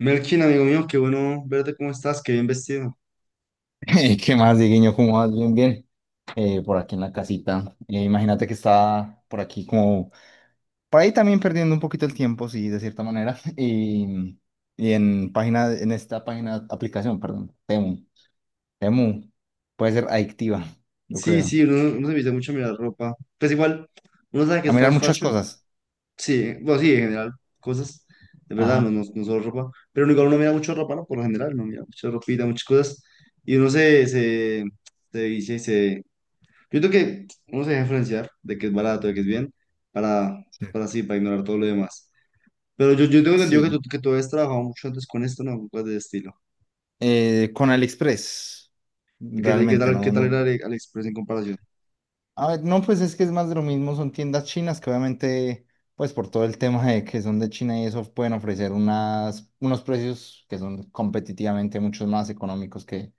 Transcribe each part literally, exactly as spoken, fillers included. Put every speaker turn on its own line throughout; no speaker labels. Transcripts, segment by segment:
Melkin, amigo mío, qué bueno verte, ¿cómo estás? Qué bien vestido.
¿Qué más, Dieguiño? ¿Cómo vas? Bien, bien. Eh, por aquí en la casita. Eh, imagínate que estaba por aquí como, por ahí también perdiendo un poquito el tiempo, sí, de cierta manera. Y, y en página, en esta página, aplicación, perdón, Temu. Temu puede ser adictiva, yo
Sí,
creo.
sí, uno, uno se viste mucho a mirar ropa. Pues igual, uno sabe que
A
es
mirar
fast
muchas
fashion.
cosas.
Sí, bueno, sí, en general, cosas. De verdad, no,
Ajá,
no, no solo ropa. Pero igual uno mira mucho ropa, ¿no? Por lo general, uno mira mucha ropita, muchas cosas. Y uno se, se, se dice, se... Yo creo que uno se deja influenciar de que es barato, de que es bien, para,
sí.
para así, para ignorar todo lo demás. Pero yo, yo tengo entendido que tú,
Sí.
que tú habías trabajado mucho antes con esto, ¿no? Cosas de estilo.
Eh, con AliExpress,
¿Y qué, tal- qué
realmente,
tal, qué
no,
tal era
no.
Ale- AliExpress en comparación?
A ver, no, pues es que es más de lo mismo, son tiendas chinas que obviamente, pues por todo el tema de que son de China y eso, pueden ofrecer unas, unos precios que son competitivamente mucho más económicos que,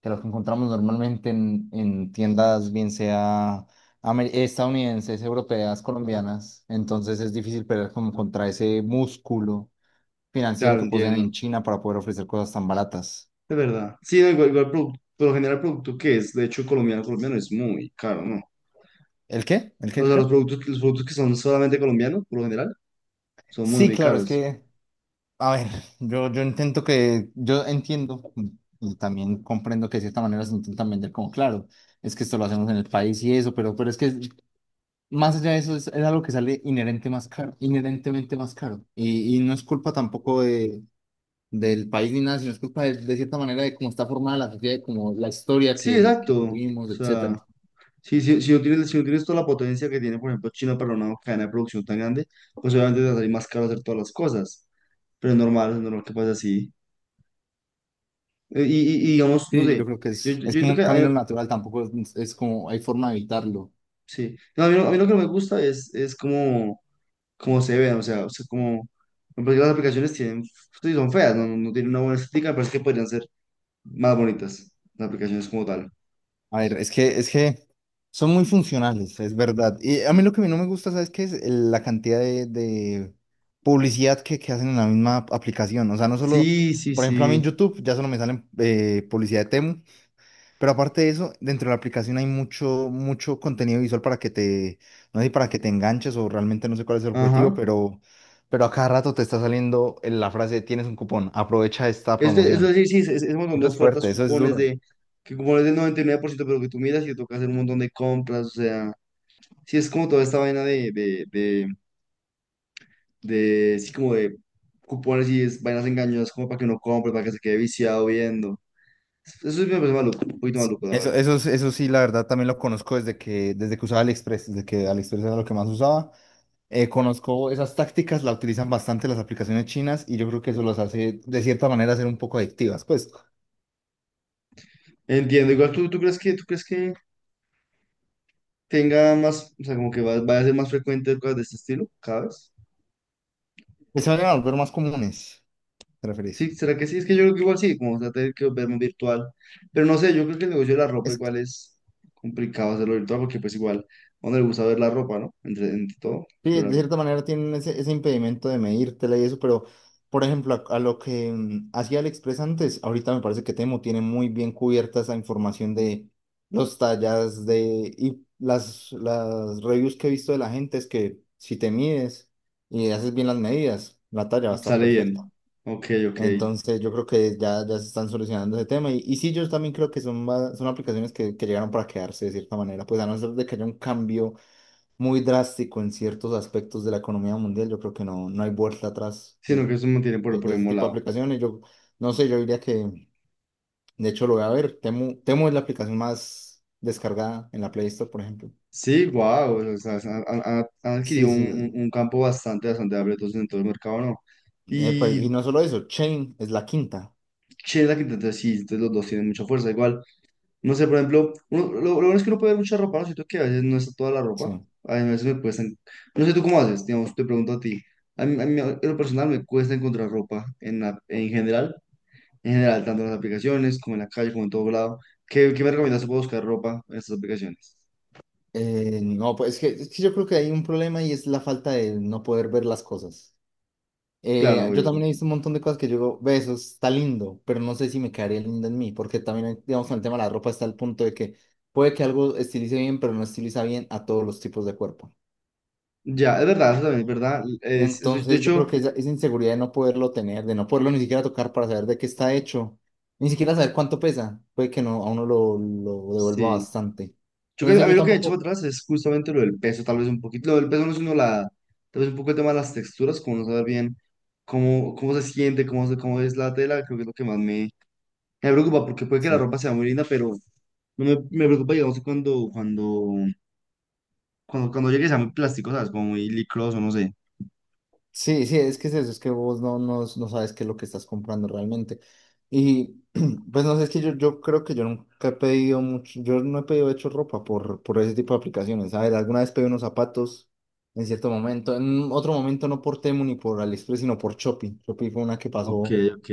que los que encontramos normalmente en, en tiendas, bien sea amer- estadounidenses, europeas, colombianas. Entonces es difícil pelear como contra ese músculo financiero
Claro,
que poseen
entiendo.
en China para poder ofrecer cosas tan baratas.
Es verdad. Sí, no, igual, igual produ- por lo general el producto que es, de hecho, colombiano, colombiano es muy caro, ¿no?
¿El qué? ¿El qué,
O sea, los
Ricardo?
productos, que- los productos que son solamente colombianos, por lo general, son muy,
Sí,
muy
claro, es
caros.
que a ver, yo, yo intento que, yo entiendo y también comprendo que de cierta manera se intentan vender como, claro, es que esto lo hacemos en el país y eso, pero, pero es que más allá de eso es, es algo que sale inherente más caro, inherentemente más caro. Y, y no es culpa tampoco de, del país ni nada, sino es culpa de, de cierta manera de cómo está formada la sociedad, de cómo la historia
Sí,
que, que
exacto. O
tuvimos, etcétera.
sea, sí, sí, si no tienes, si no tienes toda la potencia que tiene, por ejemplo, China para una cadena de producción tan grande, pues obviamente te va a salir más caro hacer todas las cosas. Pero es normal, es normal que pase así. Eh, Y, y, y digamos, no
Sí,
sé,
yo creo que
yo,
es,
yo,
es
yo
como
creo
un
que, hay-
camino natural, tampoco es, es como hay forma de evitarlo.
sí. No, a mí, lo- a mí lo que no me gusta es, es como... como se ven, o sea, o sea, como, porque las aplicaciones tienen, sí, son feas, no, no no tienen una buena estética, pero es que podrían ser más bonitas las aplicaciones como tal.
A ver, es que, es que son muy funcionales, es verdad. Y a mí lo que a mí no me gusta, ¿sabes qué? Es El- la cantidad de, de publicidad que, que hacen en la misma aplicación. O sea, no solo,
Sí, sí,
por ejemplo, a mí en
sí,
YouTube ya solo me salen eh, publicidad de Temu, pero aparte de eso, dentro de la aplicación hay mucho, mucho contenido visual para que te, no sé, para que te enganches o realmente no sé cuál es el objetivo,
ajá.
pero, pero a cada rato te está saliendo la frase, tienes un cupón, aprovecha esta
Es, de- es
promoción.
decir, sí, es, es un montón de
Eso es
ofertas,
fuerte, eso es
cupones
duro.
de, que cupones del noventa y nueve por ciento, pero que tú miras y te toca hacer un montón de compras, o sea, sí, es como toda esta vaina de, de, de, de, sí, como de cupones y es, vainas engañosas, como para que no compre, para que se quede viciado viendo. Eso es me parece maluco, un poquito
Sí.
maluco, la
Eso,
verdad.
eso, sí, eso sí, la verdad, también lo conozco desde que, desde que usaba AliExpress, desde que AliExpress era lo que más usaba. Eh, conozco esas tácticas, la utilizan bastante las aplicaciones chinas y yo creo que eso los hace, de cierta manera, ser un poco adictivas. Pues,
Entiendo, igual tú, tú crees que, tú crees que tenga más, o sea, como que va- vaya a ser más frecuente cosas de este estilo, cada vez.
que se vayan a volver más comunes, ¿te referís?
Sí, ¿será que sí? Es que yo creo que igual sí, como se va a tener que verme virtual. Pero no sé, yo creo que el negocio de la ropa igual es complicado hacerlo virtual porque pues igual, a uno le gusta ver la ropa, ¿no? Entre, entre todo,
Sí,
ver
de
la ropa.
cierta manera tienen ese, ese impedimento de medírtela y eso, pero por ejemplo, a, a lo que mm, hacía AliExpress antes, ahorita me parece que Temo tiene muy bien cubierta esa información de los tallas de y las, las reviews que he visto de la gente es que si te mides y haces bien las medidas, la talla va a estar
Sale
perfecta.
bien. Ok, ok.
Entonces yo creo que ya, ya se están solucionando ese tema y, y sí, yo también creo que son, va- son aplicaciones que, que llegaron para quedarse de cierta manera, pues a no ser de que haya un cambio muy drástico en ciertos aspectos de la economía mundial. Yo creo que no, no hay vuelta atrás
Sino
de,
que eso me mantiene por,
de-
por
de
el
ese
mismo
tipo de
lado.
aplicaciones. Yo no sé, yo diría que, de hecho, lo voy a ver. Temu, Temu es la aplicación más descargada en la Play Store, por ejemplo.
Sí, wow, o sea, se han, han- han- han adquirido
Sí,
un,
sí.
un- un campo bastante, bastante amplio entonces en todo el mercado, ¿no?
Epa,
Y
y no solo eso, Chain es la quinta.
Sheila que entonces sí, entonces los dos tienen mucha fuerza. Igual, no sé, por ejemplo, uno- lo, lo bueno es que uno puede ver mucha ropa, ¿no? Siento que a veces no está toda la ropa.
Sí.
A mí a veces me cuesta en- no sé tú cómo haces, digamos, te pregunto a ti. A mí, a mí, en lo personal me cuesta encontrar ropa en, la- en general, en general, tanto en las aplicaciones como en la calle, como en todo lado. ¿Qué, qué me recomiendas para buscar ropa en estas aplicaciones?
Eh, no, pues es que, es que yo creo que hay un problema y es la falta de no poder ver las cosas.
Claro,
Eh, yo
obvio.
también he visto un montón de cosas que yo digo, ve, eso está lindo, pero no sé si me quedaría lindo en mí, porque también, hay- digamos, con el tema de la ropa está el punto de que puede que algo estilice bien, pero no estiliza bien a todos los tipos de cuerpo.
Ya, es verdad, eso también es verdad. Es, es- de
Entonces, yo
hecho,
creo que esa, esa inseguridad de no poderlo tener, de no poderlo ni siquiera tocar para saber de qué está hecho, ni siquiera saber cuánto pesa, puede que no, a uno lo, lo, devuelva
sí.
bastante.
Yo creo, a
Entonces,
mí
yo
lo que he hecho para
tampoco,
atrás es justamente lo del peso, tal vez un poquito. Lo del peso no es uno la, tal vez un poco el tema de las texturas, como no saber bien cómo, cómo se siente, cómo, se- cómo es la tela, creo que es lo que más me, me preocupa, porque puede que la
sí.
ropa sea muy linda, pero no me, me preocupa, digamos, cuando, cuando, cuando, cuando llegue sea muy plástico, ¿sabes? Como muy licroso, no sé.
Sí, sí, es que es eso, es que vos no, no, no sabes qué es lo que estás comprando realmente. Y pues no sé, es que yo, yo creo que yo nunca he pedido mucho, yo no he pedido de hecho ropa por, por ese tipo de aplicaciones. A ver, alguna vez pedí unos zapatos en cierto momento, en otro momento no por Temu ni por AliExpress, sino por Shopee. Shopee fue una que
Ok,
pasó
ok.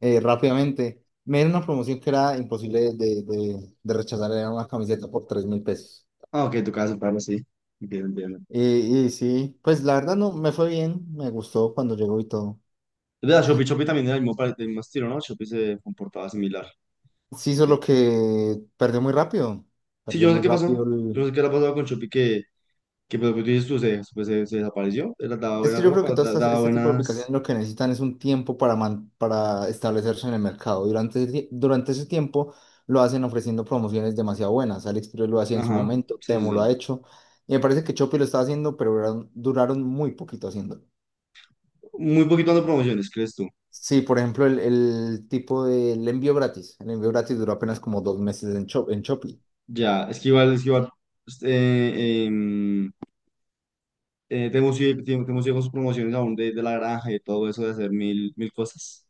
eh, rápidamente. Me dieron una promoción que era imposible de, de, de rechazar, era una camiseta por tres mil pesos.
Ah, ok, tocaba separarlo, sí. Entiendo, entiendo.
Y, y sí, pues la verdad no, me fue bien, me gustó cuando llegó y todo.
Es verdad, Shopee, Shopee también era el mismo, pare- del mismo estilo, ¿no? Shopee se comportaba similar.
Sí,
Sí,
solo que perdió muy rápido.
sí, yo
Perdió
no sé
muy
qué pasó.
rápido
Yo no
el...
sé qué le ha pasado con Shopee que Que pues, pues, dices tú, se, pues, se, se desapareció, era- daba
Es
buena
que yo creo que
ropa,
todas
da-
estas,
daba
este tipo de aplicaciones
buenas...
lo que necesitan es un tiempo para, man- para establecerse en el mercado. Durante, ese tie- durante ese tiempo lo hacen ofreciendo promociones demasiado buenas. AliExpress lo hacía en su
Ajá,
momento,
sí, sí,
Temo lo ha
sí.
hecho. Y me parece que Shopee lo está haciendo, pero duraron, duraron muy poquito haciéndolo.
Muy poquito dando promociones, ¿crees tú?
Sí, por ejemplo, el, el tipo del envío gratis. El envío gratis duró apenas como dos meses en, Shop, en Shopee.
Ya, es que igual, es que igual, pues, eh, em, eh, Temu sigue, Temu- con sus promociones aún de, de la granja y todo eso de hacer mil, mil cosas.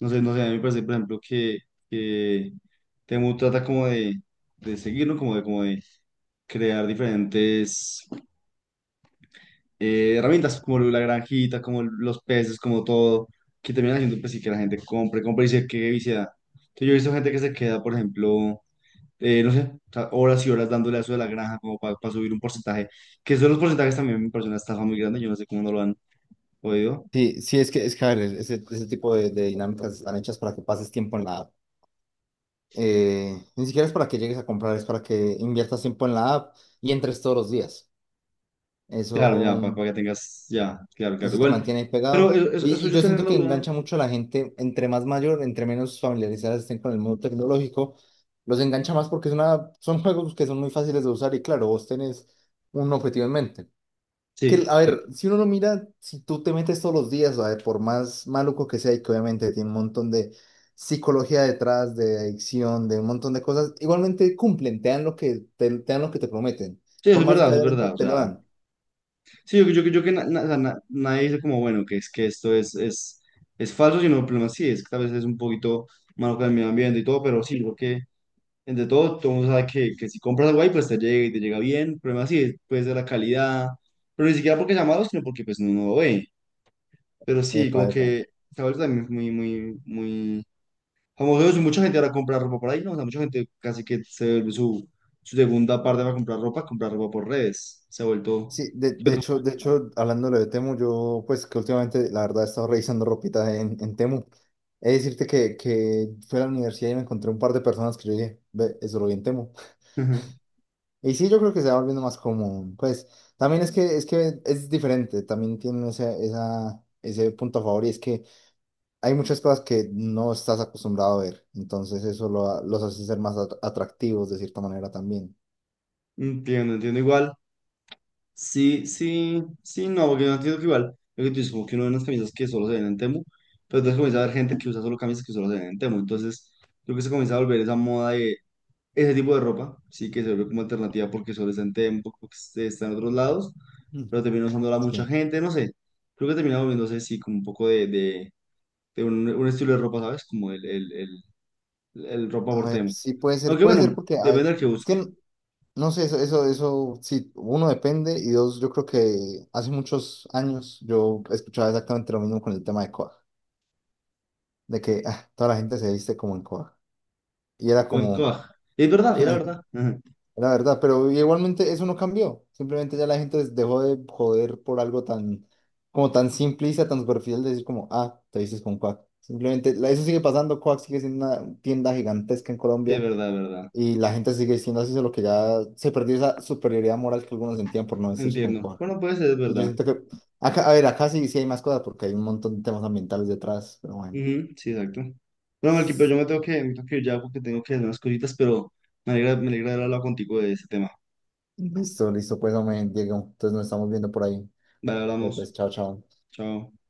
No sé, no sé, a mí me parece, por ejemplo, que, que Temu trata como de, de seguirlo, como de, como de crear diferentes eh, herramientas como la granjita, como los peces, como todo, que terminan haciendo pues, sí, que la gente compre, compre y se quede viciada. Entonces, yo he visto gente que se queda, por ejemplo, eh, no sé, o sea, horas y horas dándole a eso de la granja como para subir un porcentaje, que son los porcentajes también me parece una estafa muy grande, yo no sé cómo no lo han podido.
Sí, sí, es que, es que, a ver, ese, ese tipo de, de dinámicas están hechas para que pases tiempo en la app. Eh, ni siquiera es para que llegues a comprar, es para que inviertas tiempo en la app y entres todos los días.
Claro, ya, para,
Eso,
que tengas, ya, claro, claro,
eso te
igual.
mantiene ahí
Pero
pegado.
eso, eso,
Y,
eso
y
yo
yo
tener
siento
la
que
duda,
engancha mucho a la gente, entre más mayor, entre menos familiarizadas estén con el mundo tecnológico, los engancha más porque es una, son juegos que son muy fáciles de usar y claro, vos tenés un objetivo en mente.
sí,
Que, a ver, si uno lo mira, si tú te metes todos los días, a ver, por más maluco que sea, y que obviamente tiene un montón de psicología detrás, de adicción, de un montón de cosas, igualmente cumplen, te dan lo que te, te, dan lo que te prometen.
sí, eso
Por
es
más de
verdad,
que
eso es
haya
verdad,
lento,
o
te lo
sea.
dan.
Sí, yo, yo, yo que na- na- o sea, na- nadie dice como, bueno, que es que esto es, es, es falso, sino el problema sí es que tal vez es un poquito malo con el medio ambiente y todo, pero sí, yo creo que entre todo, todo el mundo sabe que, que si compras algo ahí, pues te llega y te llega bien, el problema sí es pues de la calidad, pero ni siquiera porque sea malo, sino porque pues no, no lo ve, pero sí,
Epa,
como
epa.
que se ha vuelto también muy, muy, muy famoso eso, y mucha gente ahora compra ropa por ahí, ¿no? O sea, mucha gente casi que se vuelve su, su segunda parte para comprar ropa, comprar ropa por redes, se ha vuelto...
Sí, de, de hecho, de hecho, hablando de Temu, yo pues que últimamente la verdad he estado revisando ropita en, en Temu. Es decirte que, que fui a la universidad y me encontré un par de personas que yo dije, ve, eso lo vi en Temu. Y sí, yo creo que se va volviendo más común. Pues también es que es que es diferente, también tiene ese, esa, ese punto a favor y es que hay muchas cosas que no estás acostumbrado a ver. Entonces eso lo ha- los hace ser más at- atractivos de cierta manera también.
Entiendo, entiendo igual. Sí, sí, sí, no, porque yo entiendo que igual, lo que tú dices, como que uno ve unas camisas que solo se ven en Temu, pero entonces comienza a haber gente que usa solo camisas que solo se ven en Temu, entonces creo que se comienza a volver esa moda de ese tipo de ropa, sí, que se vuelve como alternativa porque solo está en Temu, porque se- está en otros lados,
Mm.
pero termina usándola mucha
Sí.
gente, no sé, creo que termina volviéndose, sí, como un poco de, de, de un, un estilo de ropa, ¿sabes? Como el, el, el, el ropa
A
por
ver,
Temu.
sí puede ser,
Aunque
puede ser
bueno,
porque, a
depende
ver,
del que
es
busque,
que n- no sé, eso, eso, eso, sí, uno depende y dos, yo creo que hace muchos años yo escuchaba exactamente lo mismo con el tema de Coag, de que ah, toda la gente se viste como en Coag. Y era
o en
como,
Coag. Es verdad, era verdad.
La verdad, pero igualmente eso no cambió. Simplemente ya la gente dejó de joder por algo tan, como tan simplista, tan superficial de decir como, ah, te dices con Quack. Simplemente, la- eso sigue pasando, Quack sigue siendo una tienda gigantesca en
Sí, es
Colombia
verdad, es verdad.
y la gente sigue siendo así, solo que ya se perdió esa superioridad moral que algunos sentían por no decir con
Entiendo.
Quack.
Bueno, puede ser, es
Y yo
verdad.
siento que, acá, a ver, acá sí, sí hay más cosas porque hay un montón de temas ambientales detrás, pero bueno.
Ujú, sí, exacto. Bueno, Melqui, pero yo me tengo que, me tengo que ir ya porque tengo que hacer unas cositas, pero me alegra, me alegra haber hablado contigo de ese tema.
Listo, listo, pues no me Diego. Entonces nos estamos viendo por ahí.
Vale, hablamos.
Pues chao, chao.
Chao.